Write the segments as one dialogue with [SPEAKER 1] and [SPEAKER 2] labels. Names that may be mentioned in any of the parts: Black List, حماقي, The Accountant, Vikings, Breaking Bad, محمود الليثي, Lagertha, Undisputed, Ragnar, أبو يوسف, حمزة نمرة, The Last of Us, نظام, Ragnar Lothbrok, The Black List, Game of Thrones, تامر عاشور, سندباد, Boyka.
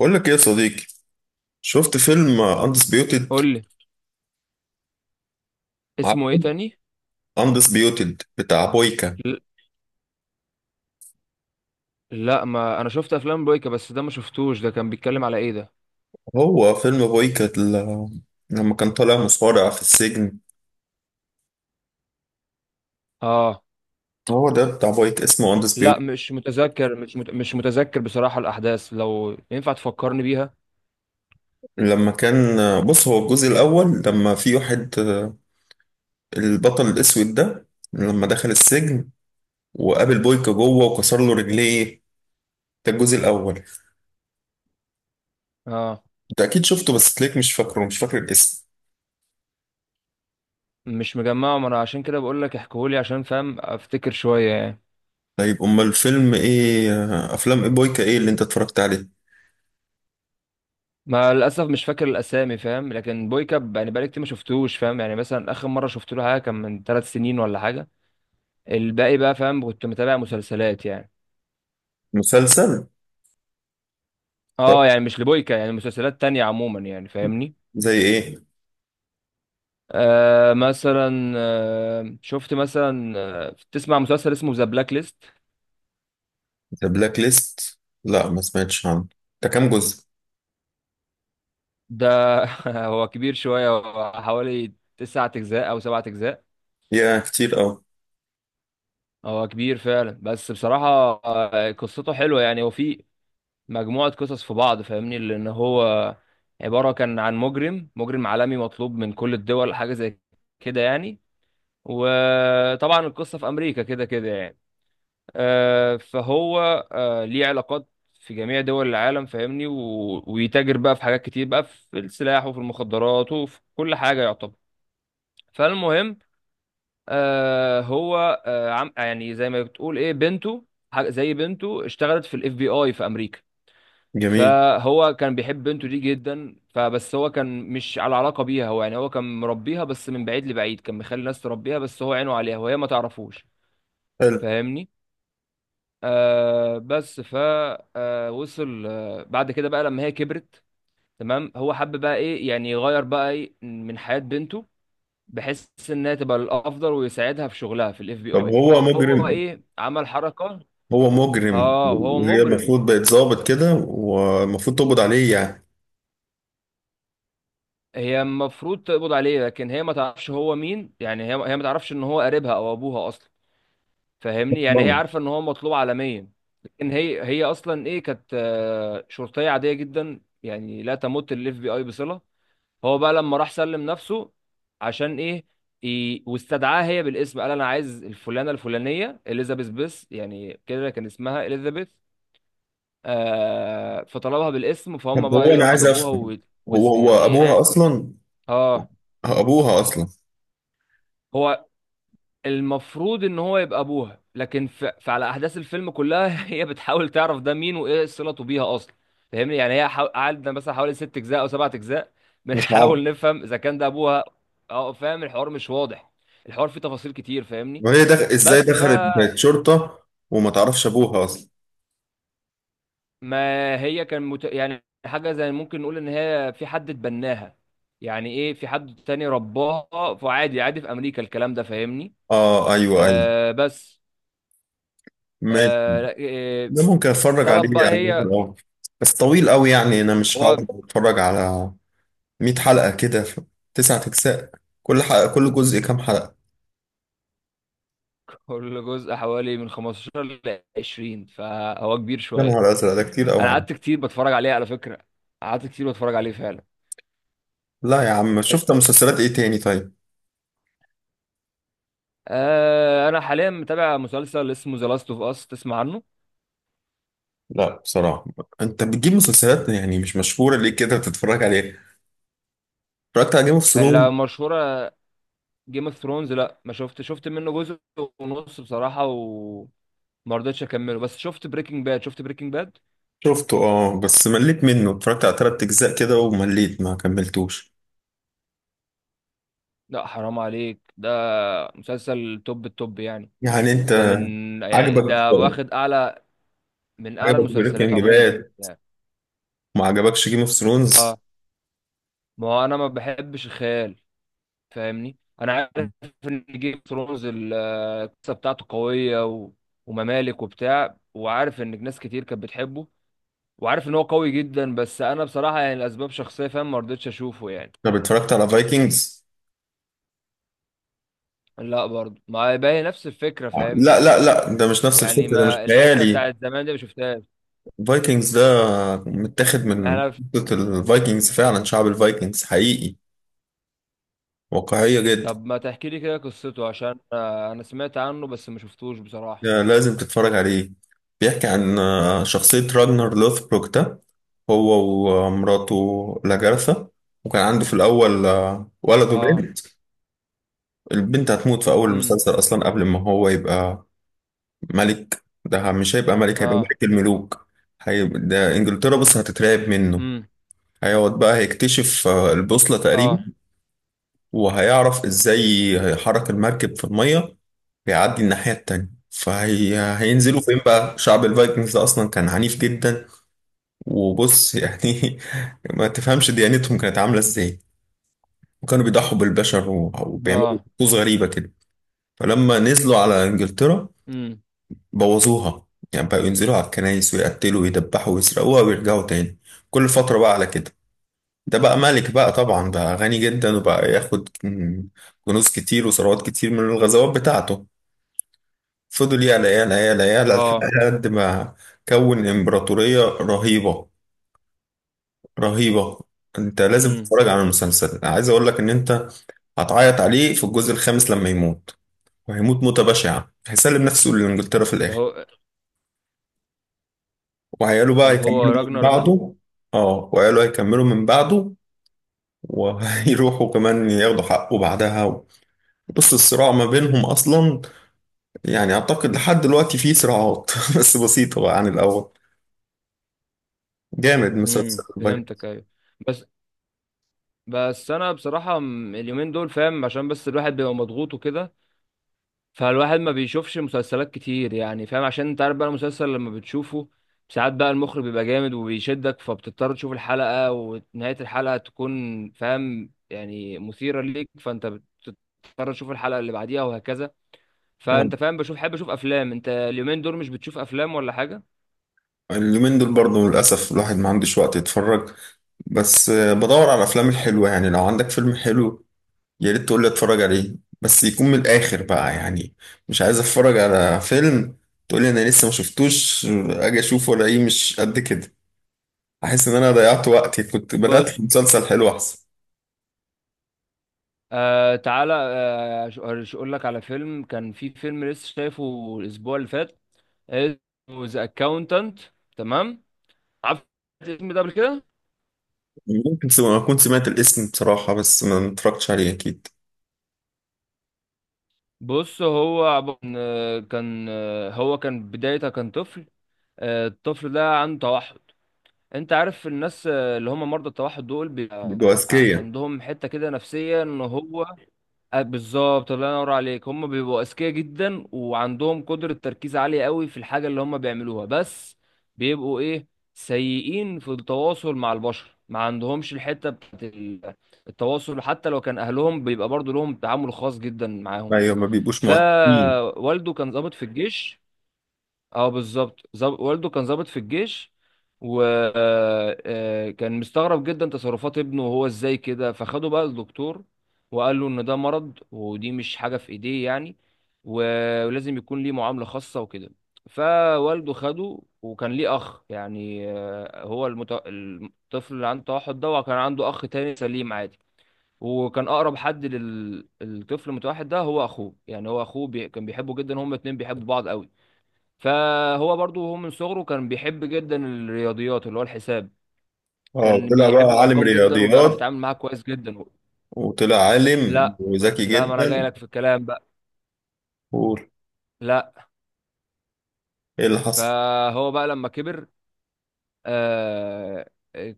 [SPEAKER 1] بقول لك ايه يا صديقي. شفت فيلم اندسبيوتد؟
[SPEAKER 2] قول لي، اسمه
[SPEAKER 1] عارفه.
[SPEAKER 2] ايه تاني؟
[SPEAKER 1] اندسبيوتد بتاع بويكا.
[SPEAKER 2] ل- لا، ما انا شفت افلام بويكا بس ده ما شفتوش. ده كان بيتكلم على ايه ده؟
[SPEAKER 1] هو فيلم بويكا لما كان طالع مصارع في السجن.
[SPEAKER 2] اه،
[SPEAKER 1] هو ده بتاع بويكا اسمه
[SPEAKER 2] لا
[SPEAKER 1] اندسبيوتد.
[SPEAKER 2] مش متذكر. مش متذكر بصراحة الاحداث، لو ينفع تفكرني بيها.
[SPEAKER 1] لما كان بص، هو الجزء الاول. لما في واحد، البطل الاسود ده، لما دخل السجن وقابل بويكا جوه وكسر له رجليه. ده الجزء الاول.
[SPEAKER 2] اه
[SPEAKER 1] انت اكيد شفته بس تلاقيك مش فاكر الاسم.
[SPEAKER 2] مش مجمعه، ما انا عشان كده بقول لك احكيهولي عشان فاهم افتكر شوية يعني.
[SPEAKER 1] طيب، امال الفيلم ايه، افلام إيه بويكا ايه اللي انت اتفرجت عليه؟
[SPEAKER 2] ما للاسف مش فاكر الاسامي، فاهم، لكن بويكا يعني بقالي كتير ما شفتوش، فاهم يعني، مثلا اخر مرة شفت له حاجة كان من ثلاث سنين ولا حاجة. الباقي بقى، فاهم، كنت متابع مسلسلات يعني.
[SPEAKER 1] مسلسل؟ طب
[SPEAKER 2] اه يعني مش لبويكا يعني، مسلسلات تانية عموما يعني، فاهمني؟
[SPEAKER 1] زي ايه؟
[SPEAKER 2] آه مثلا، شفت مثلا، تسمع مسلسل اسمه ذا بلاك ليست؟
[SPEAKER 1] ذا بلاك ليست؟ لا، ما سمعتش عنه. ده كام جزء؟
[SPEAKER 2] ده هو كبير شوية، هو حوالي تسعة أجزاء أو سبعة أجزاء.
[SPEAKER 1] يا كتير قوي.
[SPEAKER 2] هو كبير فعلا، بس بصراحة قصته حلوة يعني. هو في مجموعة قصص في بعض، فاهمني، لأن هو عبارة كان عن مجرم، مجرم عالمي مطلوب من كل الدول، حاجة زي كده يعني. وطبعا القصة في أمريكا كده كده يعني. فهو ليه علاقات في جميع دول العالم، فاهمني، ويتاجر بقى في حاجات كتير بقى، في السلاح وفي المخدرات وفي كل حاجة يعتبر. فالمهم، هو عم يعني زي ما بتقول ايه، بنته، حاجة زي بنته اشتغلت في الاف بي اي في امريكا.
[SPEAKER 1] جميل.
[SPEAKER 2] فهو كان بيحب بنته دي جدا، فبس هو كان مش على علاقة بيها. هو يعني هو كان مربيها بس من بعيد لبعيد، كان مخلي الناس تربيها بس هو عينه عليها وهي ما تعرفوش.
[SPEAKER 1] حلو.
[SPEAKER 2] فاهمني؟ آه بس ف آه وصل، بعد كده بقى لما هي كبرت، تمام، هو حب بقى ايه يعني يغير بقى ايه من حياة بنته، بحيث انها تبقى الافضل ويساعدها في شغلها في الاف بي
[SPEAKER 1] طب
[SPEAKER 2] اي،
[SPEAKER 1] هو
[SPEAKER 2] فهو
[SPEAKER 1] مجرم؟
[SPEAKER 2] ايه عمل حركة.
[SPEAKER 1] هو مجرم
[SPEAKER 2] اه وهو
[SPEAKER 1] وهي
[SPEAKER 2] مجرم،
[SPEAKER 1] المفروض بقت ظابط كده والمفروض تقبض عليه يعني.
[SPEAKER 2] هي المفروض تقبض عليه، لكن هي ما تعرفش هو مين يعني. هي ما تعرفش ان هو قريبها او ابوها اصلا، فاهمني يعني. هي
[SPEAKER 1] طبعاً.
[SPEAKER 2] عارفة ان هو مطلوب عالميا، لكن هي اصلا ايه كانت، شرطية عادية جدا يعني، لا تمت الاف بي اي بصلة. هو بقى لما راح سلم نفسه، عشان ايه؟ واستدعاها هي بالاسم، قال انا عايز الفلانه الفلانيه اليزابيث، بس يعني كده كان اسمها اليزابيث. آه، فطلبها بالاسم، فهم
[SPEAKER 1] طب هو،
[SPEAKER 2] بقى
[SPEAKER 1] انا
[SPEAKER 2] يروحوا
[SPEAKER 1] عايز
[SPEAKER 2] جابوها
[SPEAKER 1] افهم،
[SPEAKER 2] و...
[SPEAKER 1] هو
[SPEAKER 2] وز... يعني
[SPEAKER 1] هو
[SPEAKER 2] إيه...
[SPEAKER 1] ابوها
[SPEAKER 2] إيه،
[SPEAKER 1] اصلا؟
[SPEAKER 2] اه.
[SPEAKER 1] ابوها اصلا.
[SPEAKER 2] هو المفروض ان هو يبقى ابوها، لكن فعلى احداث الفيلم كلها هي بتحاول تعرف ده مين وايه صلته بيها اصلا. فاهمني يعني، قعدنا مثلا حوالي ست اجزاء او سبعة اجزاء
[SPEAKER 1] تعرف.
[SPEAKER 2] بنحاول نفهم اذا كان ده ابوها. اه فاهم، الحوار مش واضح، الحوار فيه تفاصيل كتير، فاهمني.
[SPEAKER 1] وهي ازاي
[SPEAKER 2] بس
[SPEAKER 1] دخلت
[SPEAKER 2] فما
[SPEAKER 1] بقت شرطة وما تعرفش ابوها اصلا؟
[SPEAKER 2] هي يعني حاجة زي ممكن نقول ان هي في حد اتبناها. يعني ايه، في حد تاني رباها، فعادي عادي في امريكا الكلام ده، فاهمني.
[SPEAKER 1] اه، ايوه، ايوه.
[SPEAKER 2] آه بس
[SPEAKER 1] ماشي.
[SPEAKER 2] لا،
[SPEAKER 1] ده ممكن اتفرج
[SPEAKER 2] طلب
[SPEAKER 1] عليه
[SPEAKER 2] بقى
[SPEAKER 1] يعني،
[SPEAKER 2] هي.
[SPEAKER 1] ممكن، اه. بس طويل قوي يعني، انا مش
[SPEAKER 2] هو
[SPEAKER 1] هقعد اتفرج على 100 حلقة كده في تسعة اجزاء. كل جزء كام حلقة؟
[SPEAKER 2] كل جزء حوالي من 15 ل 20، فهو كبير
[SPEAKER 1] يا
[SPEAKER 2] شويه.
[SPEAKER 1] نهار ازرق، ده كتير قوي
[SPEAKER 2] انا
[SPEAKER 1] يعني.
[SPEAKER 2] قعدت كتير بتفرج عليه على فكره، قعدت كتير بتفرج عليه فعلا.
[SPEAKER 1] لا يا عم، شفت مسلسلات ايه تاني طيب؟
[SPEAKER 2] آه انا حاليا متابع مسلسل اسمه ذا لاست اوف اس، تسمع عنه؟
[SPEAKER 1] لا بصراحة. انت بتجيب مسلسلات يعني مش مشهورة، ليه كده بتتفرج عليها؟ اتفرجت على جيم اوف ثرونز؟
[SPEAKER 2] اللي مشهوره جيم اوف ثرونز؟ لا ما شفت، شفت منه جزء ونص بصراحه وما رضيتش اكمله. بس شفت بريكنج باد، شفت بريكنج باد.
[SPEAKER 1] شفته، اه، بس مليت منه، اتفرجت على تلات اجزاء كده ومليت ما كملتوش.
[SPEAKER 2] لا حرام عليك، ده مسلسل توب التوب يعني،
[SPEAKER 1] يعني انت
[SPEAKER 2] ده من يعني
[SPEAKER 1] عجبك؟
[SPEAKER 2] ده واخد اعلى، من اعلى
[SPEAKER 1] عجبك
[SPEAKER 2] المسلسلات
[SPEAKER 1] بريكنج
[SPEAKER 2] عموما
[SPEAKER 1] باد؟
[SPEAKER 2] يعني.
[SPEAKER 1] ما عجبكش جيم اوف ثرونز؟
[SPEAKER 2] آه، ما هو انا ما بحبش الخيال، فاهمني. انا عارف ان جيم اوف ثرونز القصه بتاعته قويه وممالك وبتاع، وعارف ان ناس كتير كانت بتحبه، وعارف ان هو قوي جدا، بس انا بصراحه يعني الاسباب شخصيه، فاهم، ما رضيتش اشوفه يعني.
[SPEAKER 1] طب اتفرجت على فايكنجز؟
[SPEAKER 2] لا برضه ما باهي، نفس الفكره،
[SPEAKER 1] لا،
[SPEAKER 2] فاهمني،
[SPEAKER 1] لا، لا، ده مش نفس
[SPEAKER 2] يعني
[SPEAKER 1] الفكرة، ده مش
[SPEAKER 2] ما الحته
[SPEAKER 1] خيالي.
[SPEAKER 2] بتاعت زمان دي ما شفتهاش.
[SPEAKER 1] فايكنجز ده متاخد
[SPEAKER 2] ما
[SPEAKER 1] من
[SPEAKER 2] انا
[SPEAKER 1] قصة الفايكنجز فعلا، شعب الفايكنجز حقيقي. واقعية جدا.
[SPEAKER 2] طب ما تحكي لي كده قصته، عشان انا سمعت عنه بس ما شفتوش بصراحه.
[SPEAKER 1] ده لازم تتفرج عليه. بيحكي عن شخصية راجنر لوثبروك ده. هو ومراته لاجارثا. وكان عنده في الأول ولد
[SPEAKER 2] اه.
[SPEAKER 1] وبنت. البنت هتموت في أول
[SPEAKER 2] امم
[SPEAKER 1] المسلسل أصلا قبل ما هو يبقى ملك. ده مش هيبقى ملك، هيبقى
[SPEAKER 2] اه.
[SPEAKER 1] ملك الملوك. هيبقى ده إنجلترا بس هتترعب منه.
[SPEAKER 2] امم
[SPEAKER 1] هيقعد بقى هيكتشف البوصلة تقريبا.
[SPEAKER 2] اه.
[SPEAKER 1] وهيعرف ازاي هيحرك المركب في المية ويعدي الناحية التانية، فهي هينزلوا
[SPEAKER 2] امم
[SPEAKER 1] فين بقى. شعب الفايكنجز ده اصلا كان عنيف جدا. وبص يعني ما تفهمش ديانتهم كانت عاملة ازاي. وكانوا بيضحوا بالبشر وبيعملوا
[SPEAKER 2] اه.
[SPEAKER 1] طقوس غريبة كده. فلما نزلوا على انجلترا
[SPEAKER 2] امم
[SPEAKER 1] بوظوها. يعني بقوا ينزلوا على الكنايس ويقتلوا ويدبحوا ويسرقوها ويرجعوا تاني، كل فترة بقى على كده. ده بقى ملك بقى، طبعا بقى غني جدا وبقى ياخد كنوز كتير وثروات كتير من الغزوات بتاعته. فضل يعلى يعلى يعلى يعلى
[SPEAKER 2] اه.
[SPEAKER 1] لحد ما كون إمبراطورية رهيبة، رهيبة. انت لازم
[SPEAKER 2] امم
[SPEAKER 1] تتفرج على المسلسل، عايز اقول لك ان انت هتعيط عليه في الجزء الخامس لما يموت. وهيموت موتة بشعة، هيسلم نفسه لإنجلترا في
[SPEAKER 2] اللي
[SPEAKER 1] الآخر.
[SPEAKER 2] هو،
[SPEAKER 1] وعياله بقى
[SPEAKER 2] اللي هو
[SPEAKER 1] هيكملوا من
[SPEAKER 2] راجنر ده.
[SPEAKER 1] بعده. اه، وعياله هيكملوا من بعده وهيروحوا كمان ياخدوا حقه بعدها. بص، الصراع ما بينهم أصلا يعني، اعتقد لحد دلوقتي في صراعات بس بسيطة بقى عن الاول. جامد مسلسل
[SPEAKER 2] فهمتك،
[SPEAKER 1] البايت.
[SPEAKER 2] ايوه. بس، بس انا بصراحه اليومين دول، فاهم، عشان بس الواحد بيبقى مضغوط وكده، فالواحد ما بيشوفش مسلسلات كتير يعني، فاهم، عشان انت عارف بقى المسلسل لما بتشوفه ساعات بقى المخرج بيبقى جامد وبيشدك، فبتضطر تشوف الحلقه ونهايه الحلقه تكون فاهم يعني مثيره ليك، فانت بتضطر تشوف الحلقه اللي بعديها وهكذا.
[SPEAKER 1] يعني
[SPEAKER 2] فانت فاهم، بشوف، حابب اشوف افلام. انت اليومين دول مش بتشوف افلام ولا حاجه؟
[SPEAKER 1] اليومين دول برضه للأسف الواحد ما عندوش وقت يتفرج. بس بدور على الأفلام الحلوة يعني، لو عندك فيلم حلو يا ريت تقول لي اتفرج عليه. بس يكون من الآخر بقى يعني. مش عايز اتفرج على فيلم تقول لي أنا لسه ما شفتوش، أجي أشوفه ألاقيه مش قد كده. أحس إن أنا ضيعت وقتي، كنت بدأت مسلسل حلو أحسن.
[SPEAKER 2] آه تعالى، اقول لك على فيلم، كان في فيلم لسه شايفه الاسبوع اللي فات، اسمه ذا اكاونتنت. تمام؟ عارف الاسم ده قبل كده؟
[SPEAKER 1] ممكن أكون سمعت الاسم بصراحة بس ما اتفرجتش عليه أكيد.
[SPEAKER 2] بص، هو كان، هو كان بدايته كان طفل. الطفل ده عنده توحد. انت عارف الناس اللي هم مرضى التوحد دول بيبقى
[SPEAKER 1] أذكية.
[SPEAKER 2] عندهم حتة كده نفسية، ان هو، بالظبط، الله ينور عليك. هم بيبقوا اذكياء جدا وعندهم قدرة تركيز عالية قوي في الحاجة اللي هم بيعملوها، بس بيبقوا ايه، سيئين في التواصل مع البشر، ما عندهمش الحتة بتاعت التواصل، حتى لو كان اهلهم بيبقى برضو لهم تعامل خاص جدا معاهم.
[SPEAKER 1] ايوه، ما بيبقوش مهتمين.
[SPEAKER 2] فوالده كان ضابط في الجيش. اه بالظبط، والده كان ضابط في الجيش، وكان مستغرب جدا تصرفات ابنه وهو ازاي كده، فخده بقى للدكتور وقال له ان ده مرض، ودي مش حاجة في ايديه يعني، ولازم يكون ليه معاملة خاصة وكده. فوالده خده، وكان ليه اخ يعني، هو الطفل اللي عنده توحد ده، وكان عنده اخ تاني سليم عادي، وكان اقرب حد للطفل المتوحد ده هو اخوه. يعني هو اخوه كان بيحبه جدا، هما الاتنين بيحبوا بعض قوي. فهو برضو هو من صغره كان بيحب جدا الرياضيات، اللي هو الحساب،
[SPEAKER 1] اه
[SPEAKER 2] كان
[SPEAKER 1] طلع بقى
[SPEAKER 2] بيحب
[SPEAKER 1] عالم
[SPEAKER 2] الارقام جدا وبيعرف
[SPEAKER 1] رياضيات.
[SPEAKER 2] يتعامل معاها كويس جدا.
[SPEAKER 1] وطلع عالم
[SPEAKER 2] لا،
[SPEAKER 1] وذكي
[SPEAKER 2] لا ما انا جاي
[SPEAKER 1] جدا.
[SPEAKER 2] لك في الكلام بقى.
[SPEAKER 1] قول.
[SPEAKER 2] لا.
[SPEAKER 1] ايه اللي حصل؟
[SPEAKER 2] فهو بقى لما كبر، آه،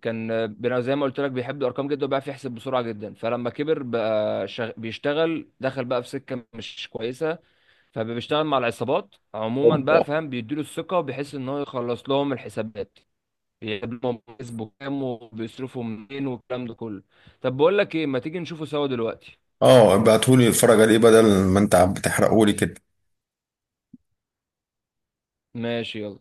[SPEAKER 2] كان زي ما قلت لك بيحب الارقام جدا وبيعرف يحسب بسرعه جدا. فلما كبر بقى بيشتغل، دخل بقى في سكه مش كويسه، فبيشتغل مع العصابات عموما بقى،
[SPEAKER 1] اوبا.
[SPEAKER 2] فاهم، بيديله الثقه وبيحس ان هو يخلص لهم الحسابات، يضمن بيسبو كام وبيصرفوا منين والكلام ده كله. طب بقول لك ايه، ما تيجي نشوفه سوا دلوقتي؟
[SPEAKER 1] اه، ابعتهولي اتفرج عليه بدل ما انت عم بتحرقهولي كده.
[SPEAKER 2] ماشي، يلا.